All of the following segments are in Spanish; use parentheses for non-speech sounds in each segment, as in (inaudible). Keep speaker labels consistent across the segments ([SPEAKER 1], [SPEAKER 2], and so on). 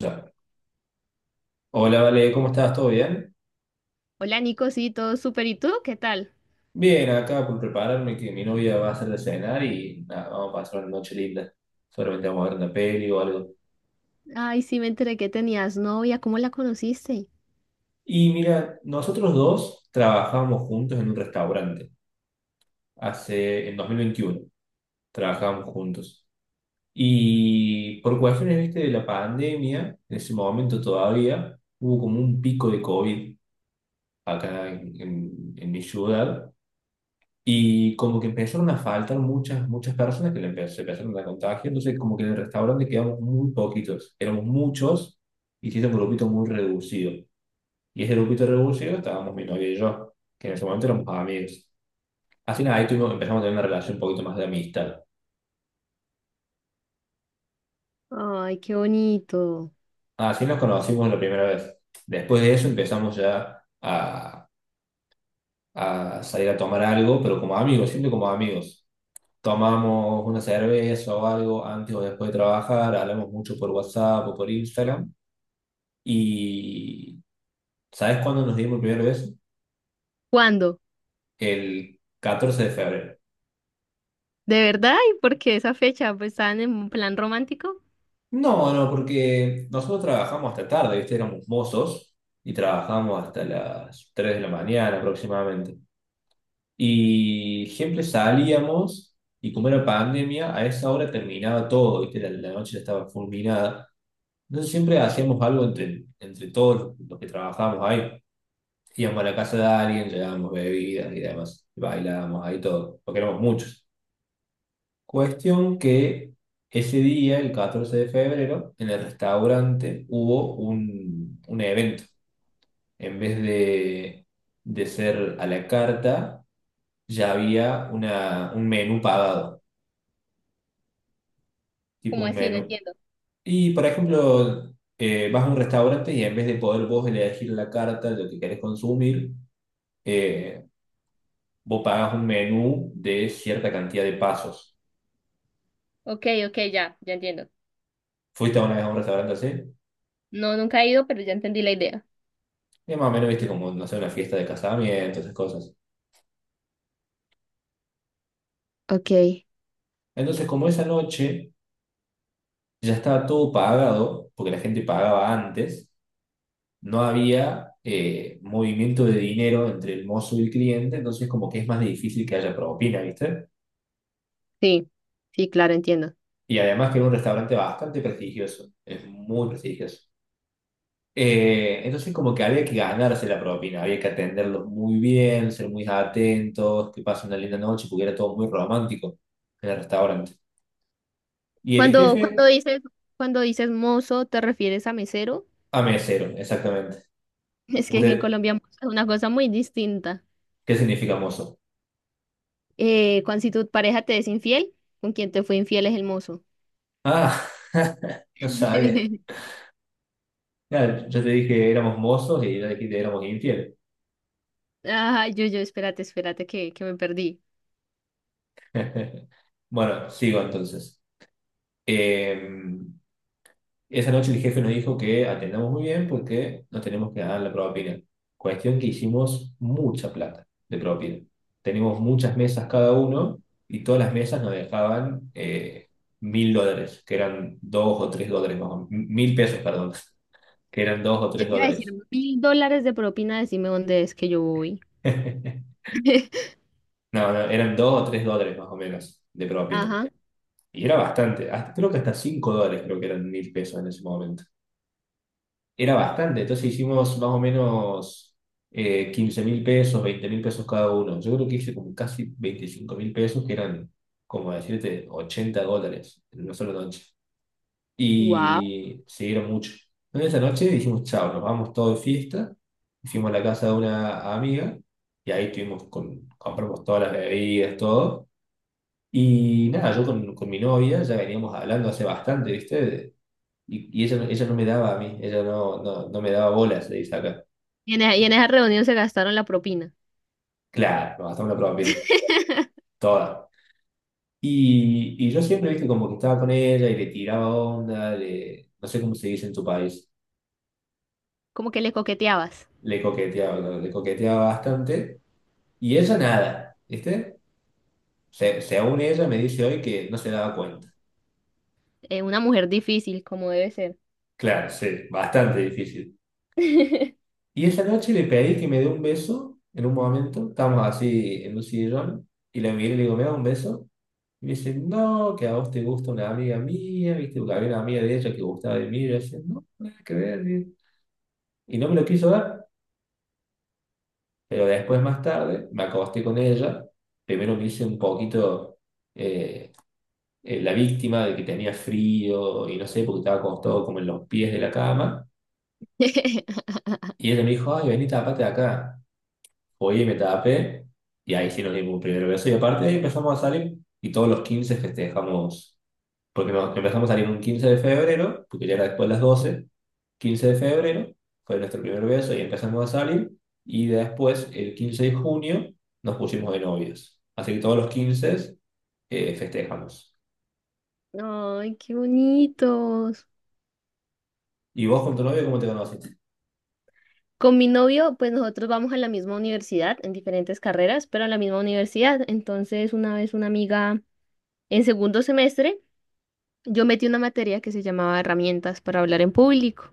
[SPEAKER 1] Ya. Hola, Vale, ¿cómo estás? ¿Todo bien?
[SPEAKER 2] Hola Nico, sí, todo súper. ¿Y tú? ¿Qué tal?
[SPEAKER 1] Bien, acá por prepararme que mi novia va a hacer de cenar y nada, vamos a pasar una noche linda. Solamente vamos a ver una peli o algo.
[SPEAKER 2] Ay, sí, me enteré que tenías novia. ¿Cómo la conociste?
[SPEAKER 1] Y mira, nosotros dos trabajábamos juntos en un restaurante hace, en 2021. Trabajábamos juntos. Y por cuestiones, viste, de la pandemia, en ese momento todavía hubo como un pico de COVID acá en mi ciudad. Y como que empezaron a faltar muchas, muchas personas que se empezaron a contagiar. Entonces, como que en el restaurante quedamos muy poquitos. Éramos muchos y sí era un grupito muy reducido. Y ese grupito reducido estábamos mi novia y yo, que en ese momento éramos amigos. Así nada, ahí tuvimos, empezamos a tener una relación un poquito más de amistad.
[SPEAKER 2] Ay, qué bonito.
[SPEAKER 1] Ah, así nos conocimos la primera vez. Después de eso empezamos ya a salir a tomar algo, pero como amigos, siempre como amigos. Tomamos una cerveza o algo antes o después de trabajar, hablamos mucho por WhatsApp o por Instagram. Y ¿sabes cuándo nos dimos el primer beso?
[SPEAKER 2] ¿Cuándo?
[SPEAKER 1] El 14 de febrero.
[SPEAKER 2] ¿De verdad? ¿Y por qué esa fecha? ¿Pues estaban en un plan romántico?
[SPEAKER 1] No, no, porque nosotros trabajamos hasta tarde, ¿viste? Éramos mozos y trabajamos hasta las 3 de la mañana aproximadamente. Y siempre salíamos y como era pandemia, a esa hora terminaba todo, ¿viste? La noche ya estaba fulminada. Entonces siempre hacíamos algo entre todos los que trabajábamos ahí. Íbamos a la casa de alguien, llevábamos bebidas y demás, bailábamos ahí todo, porque éramos muchos. Cuestión que ese día, el 14 de febrero, en el restaurante hubo un evento. En vez de ser a la carta, ya había un menú pagado, tipo
[SPEAKER 2] ¿Cómo
[SPEAKER 1] un
[SPEAKER 2] así? No
[SPEAKER 1] menú.
[SPEAKER 2] entiendo.
[SPEAKER 1] Y, por ejemplo, vas a un restaurante y en vez de poder vos elegir la carta, lo que querés consumir, eh, vos pagás un menú de cierta cantidad de pasos.
[SPEAKER 2] Ok, ok, ya, ya entiendo.
[SPEAKER 1] ¿Fuiste una vez a un restaurante así?
[SPEAKER 2] No, nunca he ido, pero ya entendí la idea.
[SPEAKER 1] Y más o menos viste como, no sé, una fiesta de casamiento, esas cosas.
[SPEAKER 2] Ok,
[SPEAKER 1] Entonces, como esa noche ya estaba todo pagado, porque la gente pagaba antes, no había movimiento de dinero entre el mozo y el cliente, entonces como que es más difícil que haya propina, ¿viste?
[SPEAKER 2] sí, sí, claro, entiendo.
[SPEAKER 1] Y además que era un restaurante bastante prestigioso, es muy prestigioso. Entonces como que había que ganarse la propina, había que atenderlos muy bien, ser muy atentos, que pasen una linda noche, porque era todo muy romántico en el restaurante. Y el
[SPEAKER 2] Cuando, cuando
[SPEAKER 1] jefe
[SPEAKER 2] dices, cuando dices mozo, ¿te refieres a mesero? (laughs)
[SPEAKER 1] a mesero, exactamente.
[SPEAKER 2] Es que aquí en
[SPEAKER 1] ¿Usted
[SPEAKER 2] Colombia mozo es una cosa muy distinta.
[SPEAKER 1] qué significa mozo?
[SPEAKER 2] Cuando si tu pareja te es infiel, con quien te fue infiel es el mozo.
[SPEAKER 1] Ah, (laughs) no sabía.
[SPEAKER 2] (laughs)
[SPEAKER 1] Ya, yo te dije que éramos mozos y yo te dije que éramos infieles.
[SPEAKER 2] Ay, yo, espérate, espérate, que me perdí.
[SPEAKER 1] (laughs) Bueno, sigo entonces. Eh, Esa noche el jefe nos dijo que atendamos muy bien porque nos tenemos que dar la propina. Cuestión que hicimos mucha plata de propina. Teníamos muchas mesas cada uno y todas las mesas nos dejaban $1000, que eran 2 o 3 dólares más o menos. 1000 pesos, perdón, (laughs) que eran dos o
[SPEAKER 2] Yo
[SPEAKER 1] tres
[SPEAKER 2] te iba a decir
[SPEAKER 1] dólares.
[SPEAKER 2] $1.000 de propina, decime dónde es que yo voy.
[SPEAKER 1] (laughs)
[SPEAKER 2] (laughs)
[SPEAKER 1] No, no, eran 2 o 3 dólares más o menos de propina.
[SPEAKER 2] Ajá.
[SPEAKER 1] Y era bastante, creo que hasta $5 creo que eran 1000 pesos en ese momento. Era bastante, entonces hicimos más o menos 15 mil pesos, 20.000 pesos cada uno. Yo creo que hice como casi 25.000 pesos, que eran, como decirte, $80 en una sola noche.
[SPEAKER 2] Wow.
[SPEAKER 1] Y se era mucho. Entonces esa noche dijimos, chao, nos vamos todos de fiesta. Fuimos a la casa de una amiga y ahí tuvimos con, compramos todas las bebidas, todo. Y nada, yo con mi novia ya veníamos hablando hace bastante, ¿viste? Y ella, ella no me daba a mí, ella no, no, no me daba bolas, le dice acá.
[SPEAKER 2] Y en esa reunión se gastaron la propina.
[SPEAKER 1] Claro, nos gastamos la prueba, viene,
[SPEAKER 2] (laughs)
[SPEAKER 1] toda. Y yo siempre, viste, como que estaba con ella y le tiraba onda, le, no sé cómo se dice en tu país,
[SPEAKER 2] Como que le coqueteabas.
[SPEAKER 1] le coqueteaba, ¿no? Le coqueteaba bastante. Y ella nada, ¿viste? Se, según ella me dice hoy que no se daba cuenta.
[SPEAKER 2] Una mujer difícil, como debe ser.
[SPEAKER 1] Claro, sí, bastante difícil.
[SPEAKER 2] (laughs)
[SPEAKER 1] Y esa noche le pedí que me dé un beso en un momento, estábamos así en un sillón, y la miré y le digo, ¿me da un beso? Y me dice no, que a vos te gusta una amiga mía, ¿viste? Porque había una amiga de ella que gustaba de mí. Y yo decía, no, nada que ver. Y no me lo quiso dar. Pero después, más tarde, me acosté con ella. Primero me hice un poquito eh, la víctima de que tenía frío y no sé, porque estaba acostado como en los pies de la cama. Y ella me dijo, ay, vení, tapate acá. Oye, me tapé. Y ahí sí nos dimos un primer beso. Y aparte de ahí empezamos a salir y todos los 15 festejamos porque nos empezamos a salir un 15 de febrero, porque ya era después de las doce 15 de febrero, fue nuestro primer beso y empezamos a salir, y después el 15 de junio nos pusimos de novios. Así que todos los 15 festejamos.
[SPEAKER 2] Ay, qué bonitos.
[SPEAKER 1] ¿Y vos con tu novio cómo te conociste?
[SPEAKER 2] Con mi novio, pues nosotros vamos a la misma universidad, en diferentes carreras, pero a la misma universidad. Entonces, una vez una amiga en segundo semestre. Yo metí una materia que se llamaba herramientas para hablar en público.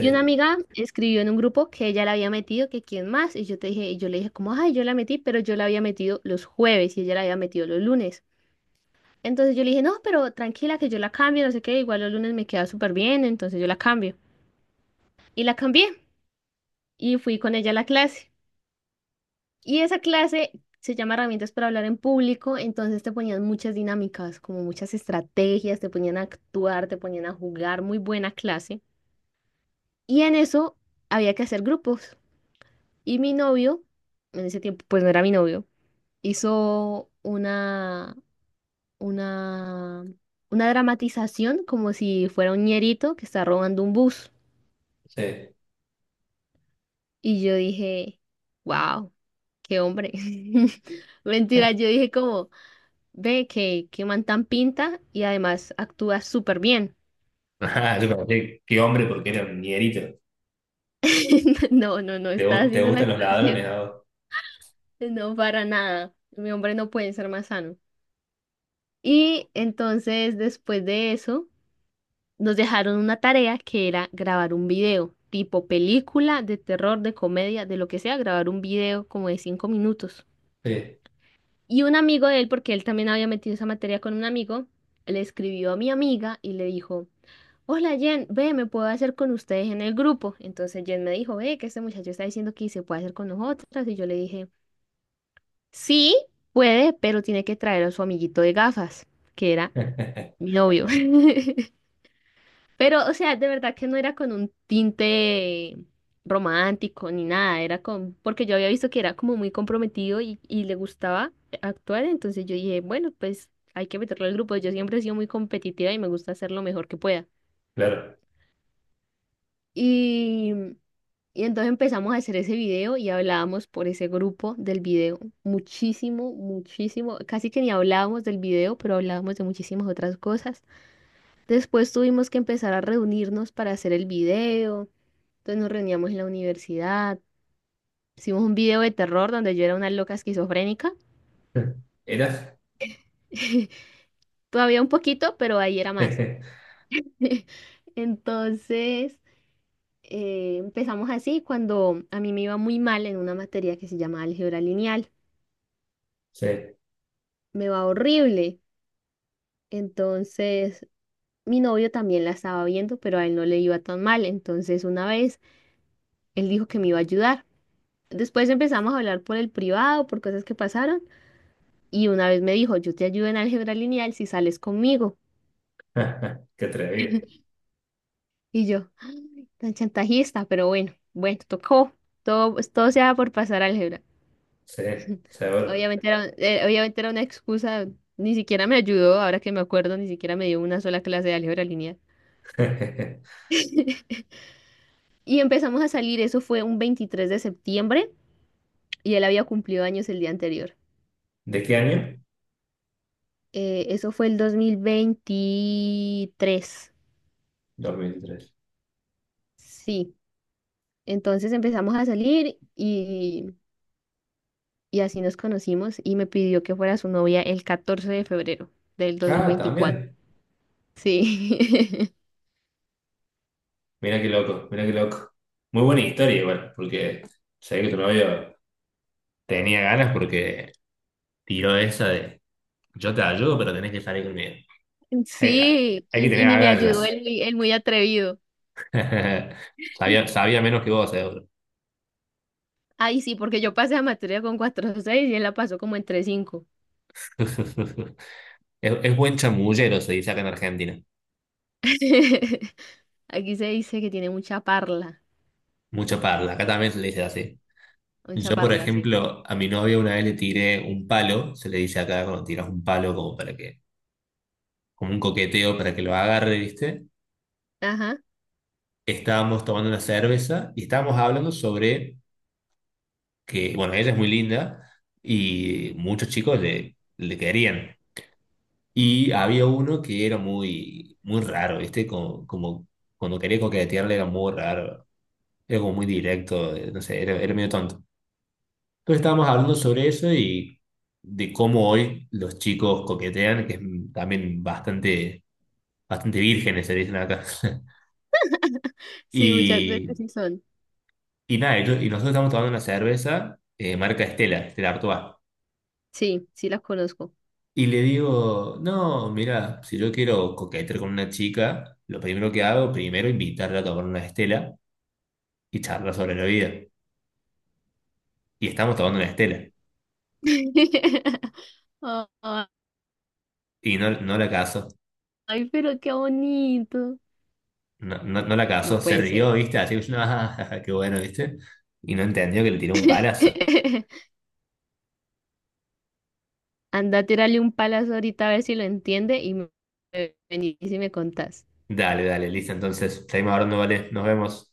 [SPEAKER 2] Y una amiga escribió en un grupo que ella la había metido, que quién más. Y yo te dije, y yo le dije como, ay, yo la metí, pero yo la había metido los jueves y ella la había metido los lunes. Entonces yo le dije, no, pero tranquila que yo la cambio, no sé qué, igual los lunes me queda súper bien, entonces yo la cambio. Y la cambié y fui con ella a la clase. Y esa clase se llama herramientas para hablar en público, entonces te ponían muchas dinámicas, como muchas estrategias, te ponían a actuar, te ponían a jugar, muy buena clase. Y en eso había que hacer grupos. Y mi novio, en ese tiempo, pues no era mi novio, hizo una, una dramatización como si fuera un ñerito que está robando un bus.
[SPEAKER 1] sí.
[SPEAKER 2] Y yo dije, wow, qué hombre. (laughs) Mentira, yo dije como, ve que man tan pinta y además actúa súper bien.
[SPEAKER 1] (laughs) Ajá, yo conocí, qué hombre, porque era un ñerito.
[SPEAKER 2] (laughs) No, no, no,
[SPEAKER 1] ¿Te,
[SPEAKER 2] está
[SPEAKER 1] te
[SPEAKER 2] haciendo una
[SPEAKER 1] gustan los ladrones,
[SPEAKER 2] actuación.
[SPEAKER 1] a vos?
[SPEAKER 2] No, para nada. Mi hombre no puede ser más sano. Y entonces, después de eso, nos dejaron una tarea que era grabar un video, tipo película, de terror, de comedia, de lo que sea, grabar un video como de 5 minutos.
[SPEAKER 1] Sí.
[SPEAKER 2] Y un amigo de él, porque él también había metido esa materia con un amigo, le escribió a mi amiga y le dijo, Hola Jen, ve, me puedo hacer con ustedes en el grupo. Entonces Jen me dijo, ve, que este muchacho está diciendo que se puede hacer con nosotras. Y yo le dije, sí, puede, pero tiene que traer a su amiguito de gafas, que era
[SPEAKER 1] (laughs)
[SPEAKER 2] mi novio. (laughs) Pero, o sea, de verdad que no era con un tinte romántico ni nada, era con, porque yo había visto que era como muy comprometido y le gustaba actuar, entonces yo dije, bueno, pues hay que meterlo al grupo, yo siempre he sido muy competitiva y me gusta hacer lo mejor que pueda.
[SPEAKER 1] Claro.
[SPEAKER 2] Y, y entonces empezamos a hacer ese video y hablábamos por ese grupo del video muchísimo, muchísimo, casi que ni hablábamos del video, pero hablábamos de muchísimas otras cosas. Después tuvimos que empezar a reunirnos para hacer el video. Entonces nos reuníamos en la universidad, hicimos un video de terror donde yo era una loca esquizofrénica,
[SPEAKER 1] ¿Eras?
[SPEAKER 2] (laughs) todavía un poquito, pero ahí era más.
[SPEAKER 1] (laughs)
[SPEAKER 2] (laughs) Entonces empezamos así cuando a mí me iba muy mal en una materia que se llama álgebra lineal,
[SPEAKER 1] Sí. (laughs)
[SPEAKER 2] me va horrible. Entonces mi novio también la estaba viendo, pero a él no le iba tan mal. Entonces una vez él dijo que me iba a ayudar. Después empezamos a hablar por el privado, por cosas que pasaron. Y una vez me dijo, yo te ayudo en álgebra lineal si sales conmigo.
[SPEAKER 1] Qué atrevido.
[SPEAKER 2] Y yo, "Ay, tan chantajista, pero bueno, bueno, tocó. Todo, pues, todo se sea por pasar álgebra.
[SPEAKER 1] Sí,
[SPEAKER 2] (laughs)
[SPEAKER 1] seguro.
[SPEAKER 2] Obviamente era una excusa, ni siquiera me ayudó, ahora que me acuerdo, ni siquiera me dio una sola clase de álgebra lineal.
[SPEAKER 1] (laughs)
[SPEAKER 2] (laughs) Y empezamos a salir, eso fue un 23 de septiembre y él había cumplido años el día anterior.
[SPEAKER 1] ¿De qué año?
[SPEAKER 2] Eso fue el 2023.
[SPEAKER 1] 2003.
[SPEAKER 2] Sí, entonces empezamos a salir y, así nos conocimos y me pidió que fuera su novia el 14 de febrero del dos mil
[SPEAKER 1] Ah,
[SPEAKER 2] veinticuatro
[SPEAKER 1] también.
[SPEAKER 2] Sí,
[SPEAKER 1] Mira qué loco, mira qué loco. Muy buena historia igual, porque sé que tu novio tenía ganas porque tiró esa de yo te ayudo, pero tenés que salir conmigo.
[SPEAKER 2] (laughs)
[SPEAKER 1] Hay,
[SPEAKER 2] sí,
[SPEAKER 1] hay que
[SPEAKER 2] y,
[SPEAKER 1] tener
[SPEAKER 2] y ni me ayudó
[SPEAKER 1] agallas.
[SPEAKER 2] el, el muy atrevido.
[SPEAKER 1] (laughs) Sabía, sabía menos que vos, seguro.
[SPEAKER 2] Ay, sí, porque yo pasé la materia con 4,6 y él la pasó como en 3,5.
[SPEAKER 1] (laughs) Es buen chamullero, se dice acá en Argentina.
[SPEAKER 2] (laughs) Aquí se dice que tiene
[SPEAKER 1] Mucha parla, acá también se le dice así.
[SPEAKER 2] mucha
[SPEAKER 1] Yo, por
[SPEAKER 2] parla, sí.
[SPEAKER 1] ejemplo, a mi novia una vez le tiré un palo, se le dice acá cuando tiras un palo como para que como un coqueteo para que lo agarre, ¿viste?
[SPEAKER 2] Ajá,
[SPEAKER 1] Estábamos tomando una cerveza y estábamos hablando sobre que, bueno, ella es muy linda y muchos chicos le querían. Y había uno que era muy, muy raro, ¿viste? Como cuando quería coquetearle era muy raro, era como muy directo, no sé, era medio tonto. Entonces estábamos hablando sobre eso y de cómo hoy los chicos coquetean, que es también bastante, bastante vírgenes, se dicen acá. (laughs)
[SPEAKER 2] sí, muchas veces
[SPEAKER 1] Y
[SPEAKER 2] sí son.
[SPEAKER 1] Y nada, y nosotros estamos tomando una cerveza, marca Estela, Estela Artois.
[SPEAKER 2] Sí, sí las conozco.
[SPEAKER 1] Y le digo, no, mira, si yo quiero coquetear con una chica, lo primero que hago, primero invitarla a tomar una Estela y charlar sobre la vida. Y estamos tomando una Estela.
[SPEAKER 2] (laughs)
[SPEAKER 1] Y no, no la casó,
[SPEAKER 2] Ay, pero qué bonito.
[SPEAKER 1] no, no, no la
[SPEAKER 2] No
[SPEAKER 1] casó, se
[SPEAKER 2] puede ser.
[SPEAKER 1] rió, ¿viste? Así que yo, no, (laughs) ah, qué bueno, ¿viste? Y no entendió que le tiró un palazo.
[SPEAKER 2] (laughs) Anda, tírale un palazo ahorita a ver si lo entiende y me venís y me contás.
[SPEAKER 1] Dale, dale, listo, entonces, seguimos hablando, vale, nos vemos.